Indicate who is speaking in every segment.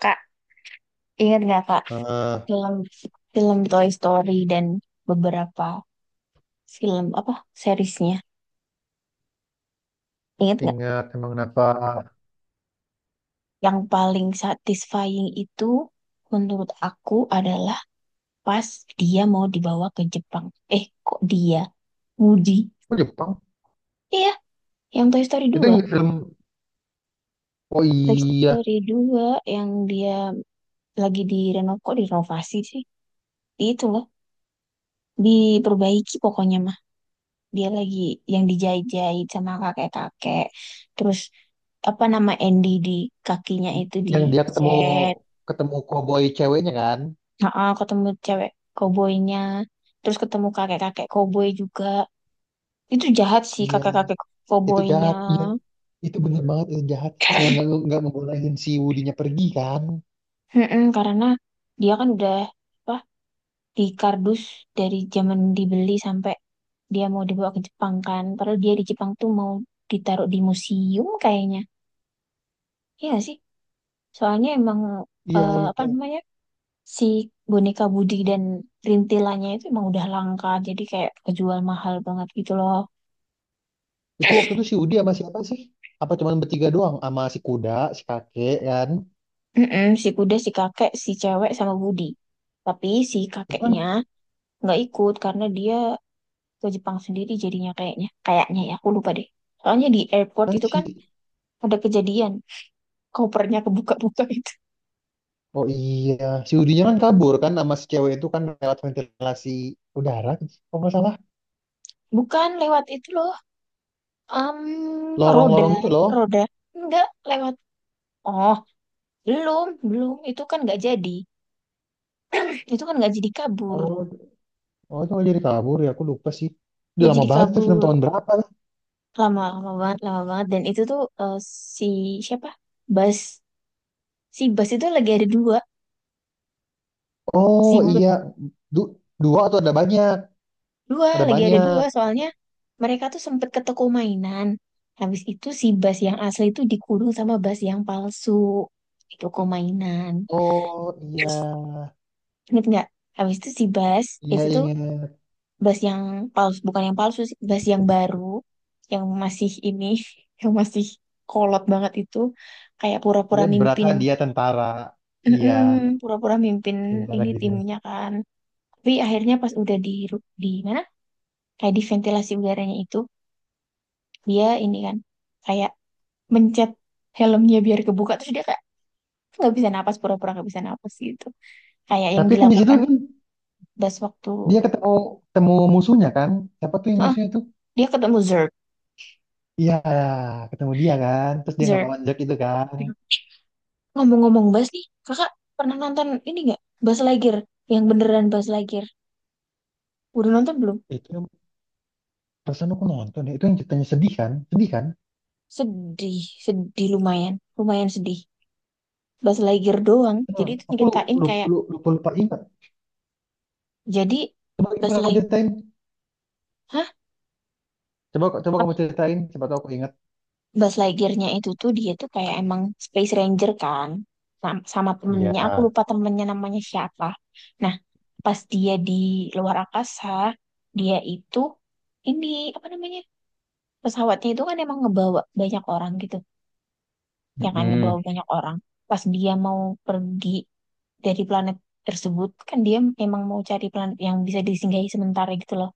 Speaker 1: Kak, ingat nggak Kak
Speaker 2: Ah,
Speaker 1: film film Toy Story dan beberapa film apa seriesnya? Ingat nggak?
Speaker 2: ingat emang kenapa?
Speaker 1: Yang paling satisfying itu menurut aku adalah pas dia mau dibawa ke Jepang. Eh, kok dia? Woody.
Speaker 2: Oh, Jepang.
Speaker 1: Iya, yang Toy Story
Speaker 2: Itu
Speaker 1: dua.
Speaker 2: yang film. Oh
Speaker 1: Toy
Speaker 2: iya,
Speaker 1: Story dua yang dia lagi direnovasi sih? Itu loh, diperbaiki pokoknya dia lagi yang dijahit-jahit sama kakek-kakek terus apa nama Andy di kakinya itu
Speaker 2: yang dia ketemu
Speaker 1: dicet.
Speaker 2: ketemu koboi ceweknya kan?
Speaker 1: Heeh, ketemu cewek koboynya terus ketemu kakek-kakek koboy juga, itu jahat sih
Speaker 2: Iya,
Speaker 1: kakek-kakek
Speaker 2: itu
Speaker 1: koboynya.
Speaker 2: jahat. Iya, itu bener banget itu jahat. Yang nggak nggak ngebolehin si Woody-nya pergi kan?
Speaker 1: Mm-mm, karena dia kan udah apa di kardus dari zaman dibeli sampai dia mau dibawa ke Jepang kan. Padahal dia di Jepang tuh mau ditaruh di museum kayaknya. Iya nggak sih. Soalnya emang
Speaker 2: Iya,
Speaker 1: apa
Speaker 2: iya.
Speaker 1: namanya? Si boneka Budi dan rintilannya itu emang udah langka, jadi kayak kejual mahal banget gitu loh.
Speaker 2: Itu waktu itu si Woody sama siapa sih? Apa cuman bertiga doang sama si kuda, si kakek kan?
Speaker 1: Mm-mm, si kuda, si kakek, si cewek sama Budi, tapi si
Speaker 2: Itu kan
Speaker 1: kakeknya nggak ikut karena dia ke Jepang sendiri jadinya, kayaknya kayaknya ya aku lupa deh. Soalnya di airport
Speaker 2: kan
Speaker 1: itu
Speaker 2: si
Speaker 1: kan ada kejadian kopernya kebuka-buka itu.
Speaker 2: Oh iya, si Woody kan kabur kan sama si cewek itu kan lewat ventilasi udara, kalau nggak salah.
Speaker 1: Bukan lewat itu loh, um, roda
Speaker 2: Lorong-lorong gitu loh.
Speaker 1: roda enggak lewat. Oh, belum belum itu kan nggak jadi, itu kan nggak jadi kabur.
Speaker 2: Oh, oh itu nggak jadi kabur ya. Aku lupa sih. Udah
Speaker 1: Nggak
Speaker 2: lama
Speaker 1: jadi
Speaker 2: banget tuh film,
Speaker 1: kabur
Speaker 2: tahun berapa ya?
Speaker 1: lama, lama banget, lama banget, dan itu tuh si siapa Bas, si Bas itu lagi ada dua,
Speaker 2: Oh
Speaker 1: si Bas
Speaker 2: iya. Du- Dua atau ada banyak?
Speaker 1: dua,
Speaker 2: Ada
Speaker 1: lagi ada
Speaker 2: banyak.
Speaker 1: dua soalnya mereka tuh sempet ke toko mainan. Habis itu si Bas yang asli tuh dikurung sama Bas yang palsu di toko mainan,
Speaker 2: Oh iya,
Speaker 1: inget nggak? Habis itu si Bas
Speaker 2: iya
Speaker 1: itu tuh
Speaker 2: ingat.
Speaker 1: Bas yang palsu, bukan yang palsu sih, Bas yang baru, yang masih ini yang masih kolot banget itu, kayak
Speaker 2: Iya,
Speaker 1: pura-pura
Speaker 2: berasa
Speaker 1: mimpin.
Speaker 2: dia tentara. Iya,
Speaker 1: Mm-mm, pura-pura mimpin
Speaker 2: tentara
Speaker 1: ini
Speaker 2: gitu.
Speaker 1: timnya kan. Tapi akhirnya pas udah di ru- di mana? Kayak di ventilasi udaranya itu, dia ini kan kayak mencet helmnya biar kebuka, terus dia kayak nggak bisa napas, pura-pura nggak bisa napas gitu. Kayak yang
Speaker 2: Tapi kan di situ
Speaker 1: dilakukan
Speaker 2: kan
Speaker 1: Bas waktu,
Speaker 2: dia ketemu ketemu musuhnya kan? Siapa tuh yang
Speaker 1: heeh,
Speaker 2: musuhnya tuh?
Speaker 1: dia ketemu Zerg.
Speaker 2: Iya, ketemu dia kan. Terus dia
Speaker 1: Zerg.
Speaker 2: ngelawan Jack itu kan.
Speaker 1: Ngomong-ngomong Bas nih, kakak pernah nonton ini nggak? Bas Lightyear, yang beneran Bas Lightyear. Udah nonton belum?
Speaker 2: Itu yang perasaan aku nonton ya. Itu yang ceritanya sedih kan? Sedih kan?
Speaker 1: Sedih, sedih lumayan, lumayan sedih. Bas Lightyear doang.
Speaker 2: Itu,
Speaker 1: Jadi itu
Speaker 2: aku
Speaker 1: nyeritain
Speaker 2: lupa
Speaker 1: kayak,
Speaker 2: lupa, lupa, lupa ingat.
Speaker 1: jadi
Speaker 2: Coba
Speaker 1: Buzz
Speaker 2: gimana kau
Speaker 1: Lightyear,
Speaker 2: ceritain?
Speaker 1: hah?
Speaker 2: Coba, kamu ceritain, siapa tahu aku ingat.
Speaker 1: Buzz Lightyear-nya itu tuh dia tuh kayak emang Space Ranger kan, sam- sama
Speaker 2: Iya,
Speaker 1: temennya. Aku lupa temennya namanya siapa. Nah, pas dia di luar angkasa, dia itu ini apa namanya, pesawatnya itu kan emang ngebawa banyak orang gitu, ya kan ngebawa
Speaker 2: mm,
Speaker 1: banyak orang. Pas dia mau pergi dari planet tersebut, kan dia emang mau cari planet yang bisa disinggahi sementara gitu loh.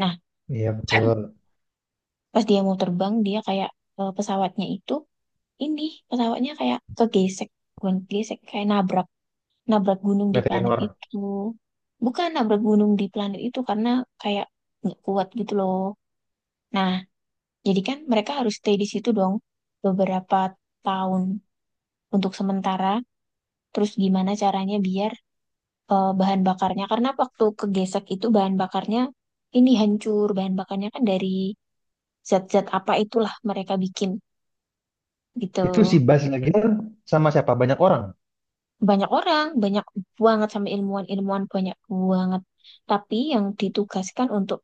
Speaker 1: Nah,
Speaker 2: iya betul.
Speaker 1: pas dia mau terbang, dia kayak, eh, pesawatnya itu, ini pesawatnya kayak kegesek, bukan gesek, kayak nabrak nabrak gunung di planet
Speaker 2: Meteor.
Speaker 1: itu, bukan nabrak gunung di planet itu karena kayak nggak kuat gitu loh. Nah, jadi kan mereka harus stay di situ dong beberapa tahun untuk sementara. Terus gimana caranya biar bahan bakarnya, karena waktu kegesek itu bahan bakarnya ini hancur, bahan bakarnya kan dari zat-zat apa itulah mereka bikin gitu.
Speaker 2: Itu si Bas Nagier sama siapa? Banyak orang.
Speaker 1: Banyak orang, banyak banget, sama ilmuwan-ilmuwan banyak banget. Tapi yang ditugaskan untuk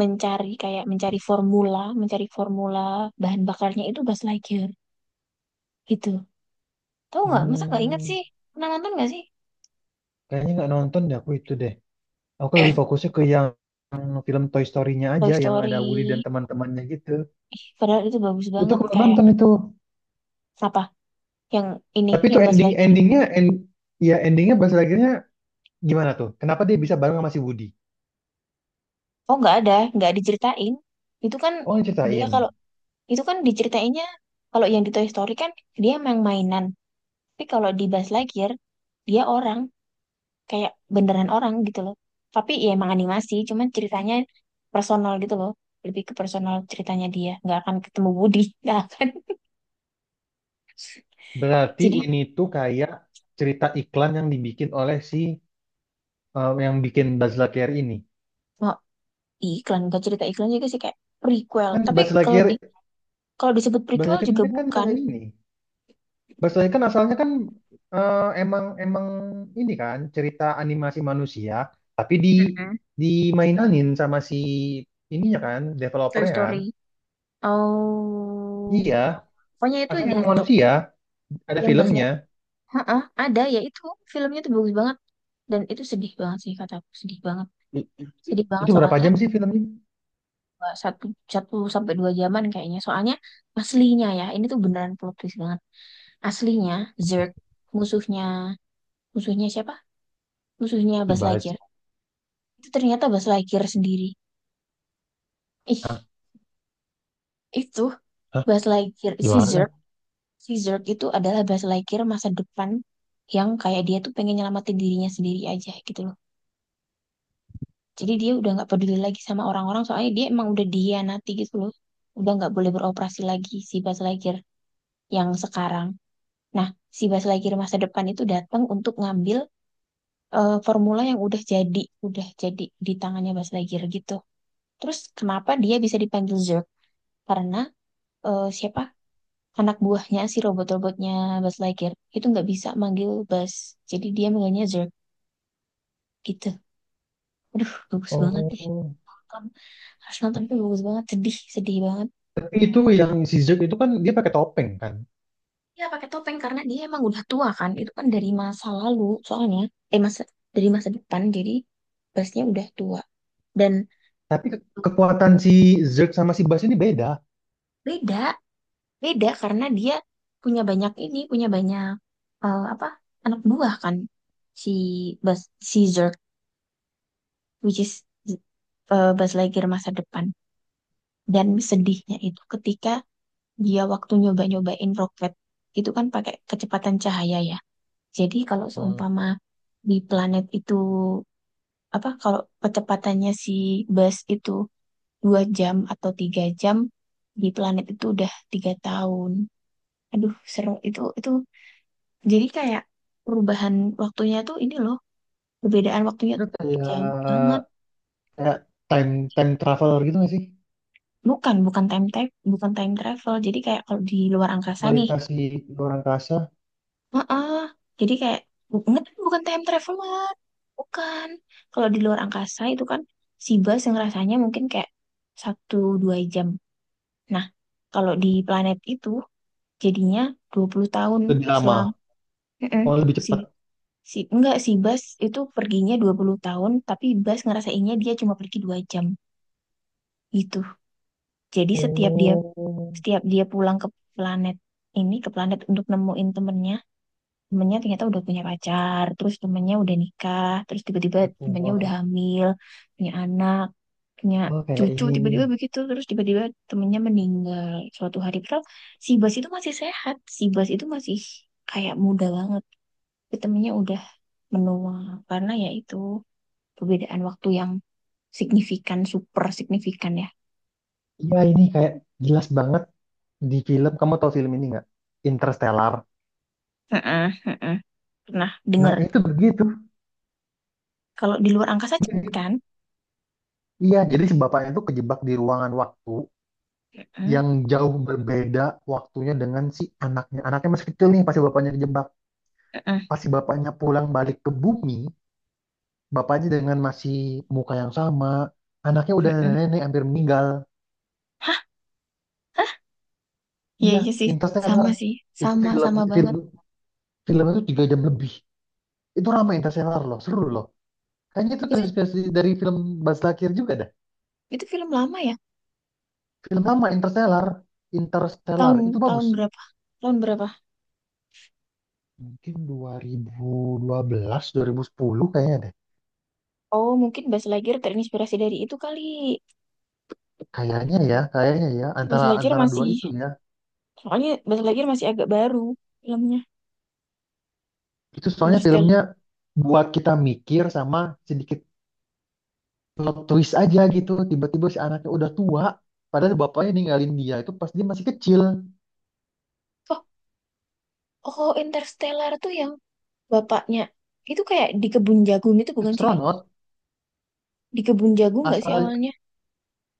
Speaker 1: mencari, kayak mencari formula bahan bakarnya itu Buzz Lightyear gitu. Tahu nggak? Masa nggak ingat
Speaker 2: Hmm,
Speaker 1: sih? Pernah nonton nggak sih?
Speaker 2: kayaknya nggak nonton deh aku itu deh. Aku lebih fokusnya ke yang film Toy Story-nya
Speaker 1: Toy
Speaker 2: aja, yang ada Woody dan
Speaker 1: Story.
Speaker 2: teman-temannya gitu.
Speaker 1: Ih, padahal itu bagus
Speaker 2: Itu
Speaker 1: banget
Speaker 2: aku belum
Speaker 1: kayak,
Speaker 2: nonton itu.
Speaker 1: apa? Yang ini,
Speaker 2: Tapi itu
Speaker 1: yang Buzz
Speaker 2: ending
Speaker 1: Lightyear.
Speaker 2: endingnya, end, ya endingnya Bas Nagier-nya gimana tuh? Kenapa dia bisa bareng sama si Woody?
Speaker 1: Oh nggak ada, nggak diceritain. Itu kan
Speaker 2: Oh, yang
Speaker 1: dia
Speaker 2: ceritain.
Speaker 1: kalau, itu kan diceritainnya kalau yang di Toy Story kan dia emang mainan. Tapi kalau di Buzz Lightyear dia orang, kayak beneran orang gitu loh, tapi ya emang animasi, cuman ceritanya personal gitu loh, lebih ke personal ceritanya, dia nggak akan ketemu Budi nggak akan,
Speaker 2: Berarti
Speaker 1: jadi
Speaker 2: ini tuh kayak cerita iklan yang dibikin oleh si yang bikin Buzz Lightyear ini.
Speaker 1: mau iklan, nggak cerita iklan juga sih, kayak prequel,
Speaker 2: Kan
Speaker 1: tapi
Speaker 2: Buzz
Speaker 1: kalau di,
Speaker 2: Lightyear,
Speaker 1: kalau disebut
Speaker 2: Buzz
Speaker 1: prequel
Speaker 2: Lightyear
Speaker 1: juga
Speaker 2: ini kan
Speaker 1: bukan.
Speaker 2: kayak ini. Buzz Lightyear kan asalnya kan emang emang ini kan cerita animasi manusia, tapi di
Speaker 1: Mm-mm.
Speaker 2: dimainanin sama si ininya kan,
Speaker 1: Toy
Speaker 2: developernya kan.
Speaker 1: Story, oh
Speaker 2: Iya,
Speaker 1: pokoknya itu
Speaker 2: asalnya emang
Speaker 1: gitu,
Speaker 2: manusia, ada
Speaker 1: yang bahasa,
Speaker 2: filmnya.
Speaker 1: heeh, ada ya itu, filmnya tuh bagus banget dan itu sedih banget sih, kata aku sedih banget, sedih banget
Speaker 2: Itu berapa
Speaker 1: soalnya,
Speaker 2: jam sih filmnya?
Speaker 1: eh, satu satu sampai dua jaman kayaknya. Soalnya aslinya ya, ini tuh beneran plot twist banget. Aslinya Zerg musuhnya, musuhnya siapa? Musuhnya Buzz
Speaker 2: Dibahas.
Speaker 1: Lightyear. Itu ternyata Buzz Lightyear sendiri.
Speaker 2: Hah?
Speaker 1: Ih, itu
Speaker 2: Hah?
Speaker 1: Buzz Lightyear
Speaker 2: Gimana?
Speaker 1: si Zerg itu adalah Buzz Lightyear masa depan, yang kayak dia tuh pengen nyelamatin dirinya sendiri aja gitu loh. Jadi dia udah nggak peduli lagi sama orang-orang, soalnya dia emang udah dihianati gitu loh. Udah nggak boleh beroperasi lagi si Buzz Lightyear yang sekarang. Nah, si Baslagir masa depan itu datang untuk ngambil, formula yang udah jadi di tangannya Baslagir gitu. Terus kenapa dia bisa dipanggil Zerg? Karena siapa? Anak buahnya, si robot-robotnya Baslagir itu nggak bisa manggil Bas. Jadi dia manggilnya Zerg gitu. Aduh, bagus banget deh.
Speaker 2: Oh,
Speaker 1: Nonton. Harus nonton, itu bagus banget, sedih, sedih banget.
Speaker 2: tapi itu yang si Zerg itu kan dia pakai topeng kan.
Speaker 1: Iya pakai topeng karena dia emang udah tua kan. Itu kan dari masa lalu soalnya. Eh masa, dari masa depan, jadi busnya udah tua. Dan
Speaker 2: Tapi kekuatan si Zerg sama si Bas ini beda.
Speaker 1: beda, beda karena dia punya banyak apa, anak buah kan si Buzz, si Zurg, which is, eh, Buzz Lightyear masa depan. Dan sedihnya itu ketika dia waktu nyoba-nyobain roket itu kan pakai kecepatan cahaya ya, jadi kalau
Speaker 2: Hmm.
Speaker 1: seumpama di planet itu apa, kalau kecepatannya si bus itu 2 jam atau 3 jam, di planet itu udah 3 tahun. Aduh, seru itu itu. Jadi kayak perubahan waktunya tuh ini loh, perbedaan waktunya
Speaker 2: Itu
Speaker 1: tuh
Speaker 2: kayak,
Speaker 1: jauh banget.
Speaker 2: kayak time time traveler gitu nggak sih?
Speaker 1: Bukan, bukan time travel, bukan time travel. Jadi kayak kalau di luar angkasa nih,
Speaker 2: Melintasi luar angkasa
Speaker 1: heeh. Jadi kayak bu- bukan time travel banget. Bukan. Kalau di luar angkasa itu kan si bus yang rasanya mungkin kayak 1 2 jam, nah, kalau di planet itu jadinya 20 tahun
Speaker 2: lebih
Speaker 1: selam.
Speaker 2: lama,
Speaker 1: Mm-mm.
Speaker 2: oh lebih
Speaker 1: Si,
Speaker 2: cepat.
Speaker 1: si, enggak, si Bas itu perginya 20 tahun, tapi Bas ngerasainnya dia cuma pergi 2 jam. Gitu. Jadi setiap dia,
Speaker 2: Oh,
Speaker 1: setiap dia pulang ke planet ini, ke planet untuk nemuin temennya, temennya ternyata udah punya pacar, terus temennya udah nikah, terus tiba-tiba temennya udah
Speaker 2: tertua.
Speaker 1: hamil, punya anak, punya
Speaker 2: Oh, kayak
Speaker 1: cucu
Speaker 2: ini nih.
Speaker 1: tiba-tiba begitu, terus tiba-tiba temennya meninggal suatu hari padahal si Bas itu masih sehat, si Bas itu masih kayak muda banget, tapi temennya udah menua, karena ya itu perbedaan waktu yang signifikan, super signifikan ya.
Speaker 2: Iya, ini kayak jelas banget di film. Kamu tahu film ini nggak? Interstellar.
Speaker 1: Heeh, heeh. Pernah
Speaker 2: Nah,
Speaker 1: dengar
Speaker 2: itu begitu.
Speaker 1: kalau di luar angkasa cepet
Speaker 2: Mirip.
Speaker 1: kan.
Speaker 2: Iya, jadi si bapaknya itu kejebak di ruangan waktu
Speaker 1: Heeh,
Speaker 2: yang jauh berbeda waktunya dengan si anaknya. Anaknya masih kecil nih pas si bapaknya kejebak.
Speaker 1: heeh,
Speaker 2: Pas si bapaknya pulang balik ke bumi, bapaknya dengan masih muka yang sama, anaknya udah
Speaker 1: heeh.
Speaker 2: nenek-nenek hampir meninggal.
Speaker 1: Hah, iya
Speaker 2: Iya,
Speaker 1: iya sih,
Speaker 2: Interstellar.
Speaker 1: sama sih,
Speaker 2: Itu
Speaker 1: sama
Speaker 2: film,
Speaker 1: sama
Speaker 2: film
Speaker 1: banget
Speaker 2: film itu tiga jam lebih. Itu ramai Interstellar loh, seru loh. Kayaknya itu
Speaker 1: itu.
Speaker 2: terinspirasi dari film Baz Luhrmann juga dah.
Speaker 1: Itu film lama ya,
Speaker 2: Film lama Interstellar, Interstellar
Speaker 1: tahun,
Speaker 2: itu
Speaker 1: tahun
Speaker 2: bagus.
Speaker 1: berapa tahun berapa?
Speaker 2: Mungkin 2012, 2010 kayaknya deh.
Speaker 1: Oh, mungkin Bas Lightyear terinspirasi dari itu kali.
Speaker 2: Kayaknya ya
Speaker 1: Tapi Bas
Speaker 2: antara
Speaker 1: Lightyear
Speaker 2: antara dua
Speaker 1: masih,
Speaker 2: itu ya.
Speaker 1: soalnya Bas Lightyear masih agak baru filmnya,
Speaker 2: Itu soalnya
Speaker 1: Interstellar.
Speaker 2: filmnya buat kita mikir sama sedikit plot twist aja gitu, tiba-tiba si anaknya udah tua padahal bapaknya ninggalin dia itu pas dia masih kecil.
Speaker 1: Oh, oh Interstellar tuh yang bapaknya. Itu kayak di kebun jagung itu bukan sih, Kak?
Speaker 2: Astronot,
Speaker 1: Di kebun jagung nggak sih
Speaker 2: asal,
Speaker 1: awalnya?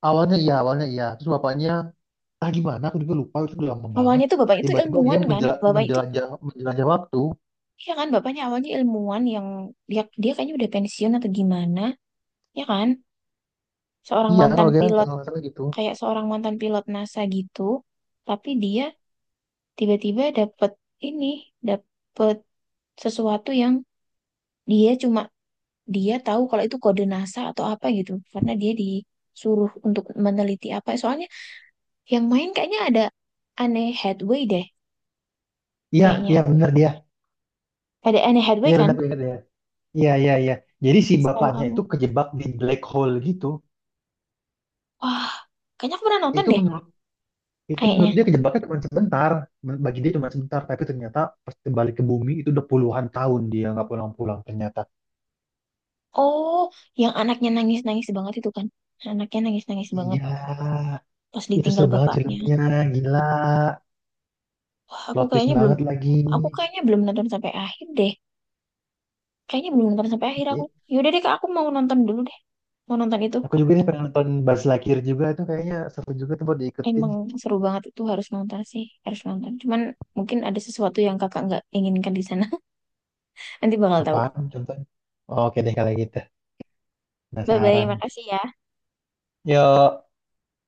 Speaker 2: awalnya iya, awalnya iya. Terus bapaknya, ah gimana aku juga lupa, itu udah lama banget.
Speaker 1: Awalnya tuh bapaknya tuh
Speaker 2: Tiba-tiba dia
Speaker 1: ilmuwan kan?
Speaker 2: menjela-
Speaker 1: Bapak itu,
Speaker 2: menjelajah menjelajah waktu.
Speaker 1: iya kan? Bapaknya awalnya ilmuwan yang, dia, dia kayaknya udah pensiun atau gimana, ya kan? Seorang
Speaker 2: Iya,
Speaker 1: mantan
Speaker 2: kalau dia kan,
Speaker 1: pilot,
Speaker 2: kalau nggak salah gitu.
Speaker 1: kayak seorang mantan pilot NASA gitu. Tapi dia tiba-tiba dapet ini, dapet sesuatu yang, dia cuma, dia tahu kalau itu kode NASA atau apa gitu, karena dia disuruh untuk meneliti apa soalnya, yang main kayaknya ada Anne Hathaway deh,
Speaker 2: Iya
Speaker 1: kayaknya
Speaker 2: iya
Speaker 1: aku,
Speaker 2: benar dia,
Speaker 1: ada Anne Hathaway
Speaker 2: iya benar
Speaker 1: kan,
Speaker 2: benar dia. Iya iya iya, jadi si
Speaker 1: setahu
Speaker 2: bapaknya
Speaker 1: aku.
Speaker 2: itu kejebak di black hole gitu.
Speaker 1: Wah, kayaknya aku pernah nonton
Speaker 2: Itu
Speaker 1: deh,
Speaker 2: menurut, itu
Speaker 1: kayaknya.
Speaker 2: menurut dia kejebaknya cuma sebentar. Bagi dia cuma sebentar, tapi ternyata pas kembali ke bumi itu udah puluhan tahun dia nggak pulang-pulang ternyata.
Speaker 1: Oh, yang anaknya nangis-nangis banget itu kan, anaknya nangis-nangis banget
Speaker 2: Iya,
Speaker 1: pas
Speaker 2: itu
Speaker 1: ditinggal
Speaker 2: seru banget
Speaker 1: bapaknya.
Speaker 2: filmnya, gila,
Speaker 1: Wah, aku
Speaker 2: plot twist
Speaker 1: kayaknya belum,
Speaker 2: banget lagi.
Speaker 1: aku kayaknya belum nonton sampai akhir deh. Kayaknya belum nonton sampai akhir aku.
Speaker 2: Ih,
Speaker 1: Yaudah deh, Kak, aku mau nonton dulu deh. Mau nonton itu.
Speaker 2: aku juga nih pengen nonton Buzz Lightyear juga, itu kayaknya seru juga tuh buat diikutin.
Speaker 1: Emang seru banget, itu harus nonton sih, harus nonton. Cuman mungkin ada sesuatu yang kakak nggak inginkan di sana. Nanti bakal tahu.
Speaker 2: Apaan contohnya? Oke deh kalau gitu,
Speaker 1: Bye bye,
Speaker 2: penasaran.
Speaker 1: makasih ya.
Speaker 2: Yuk.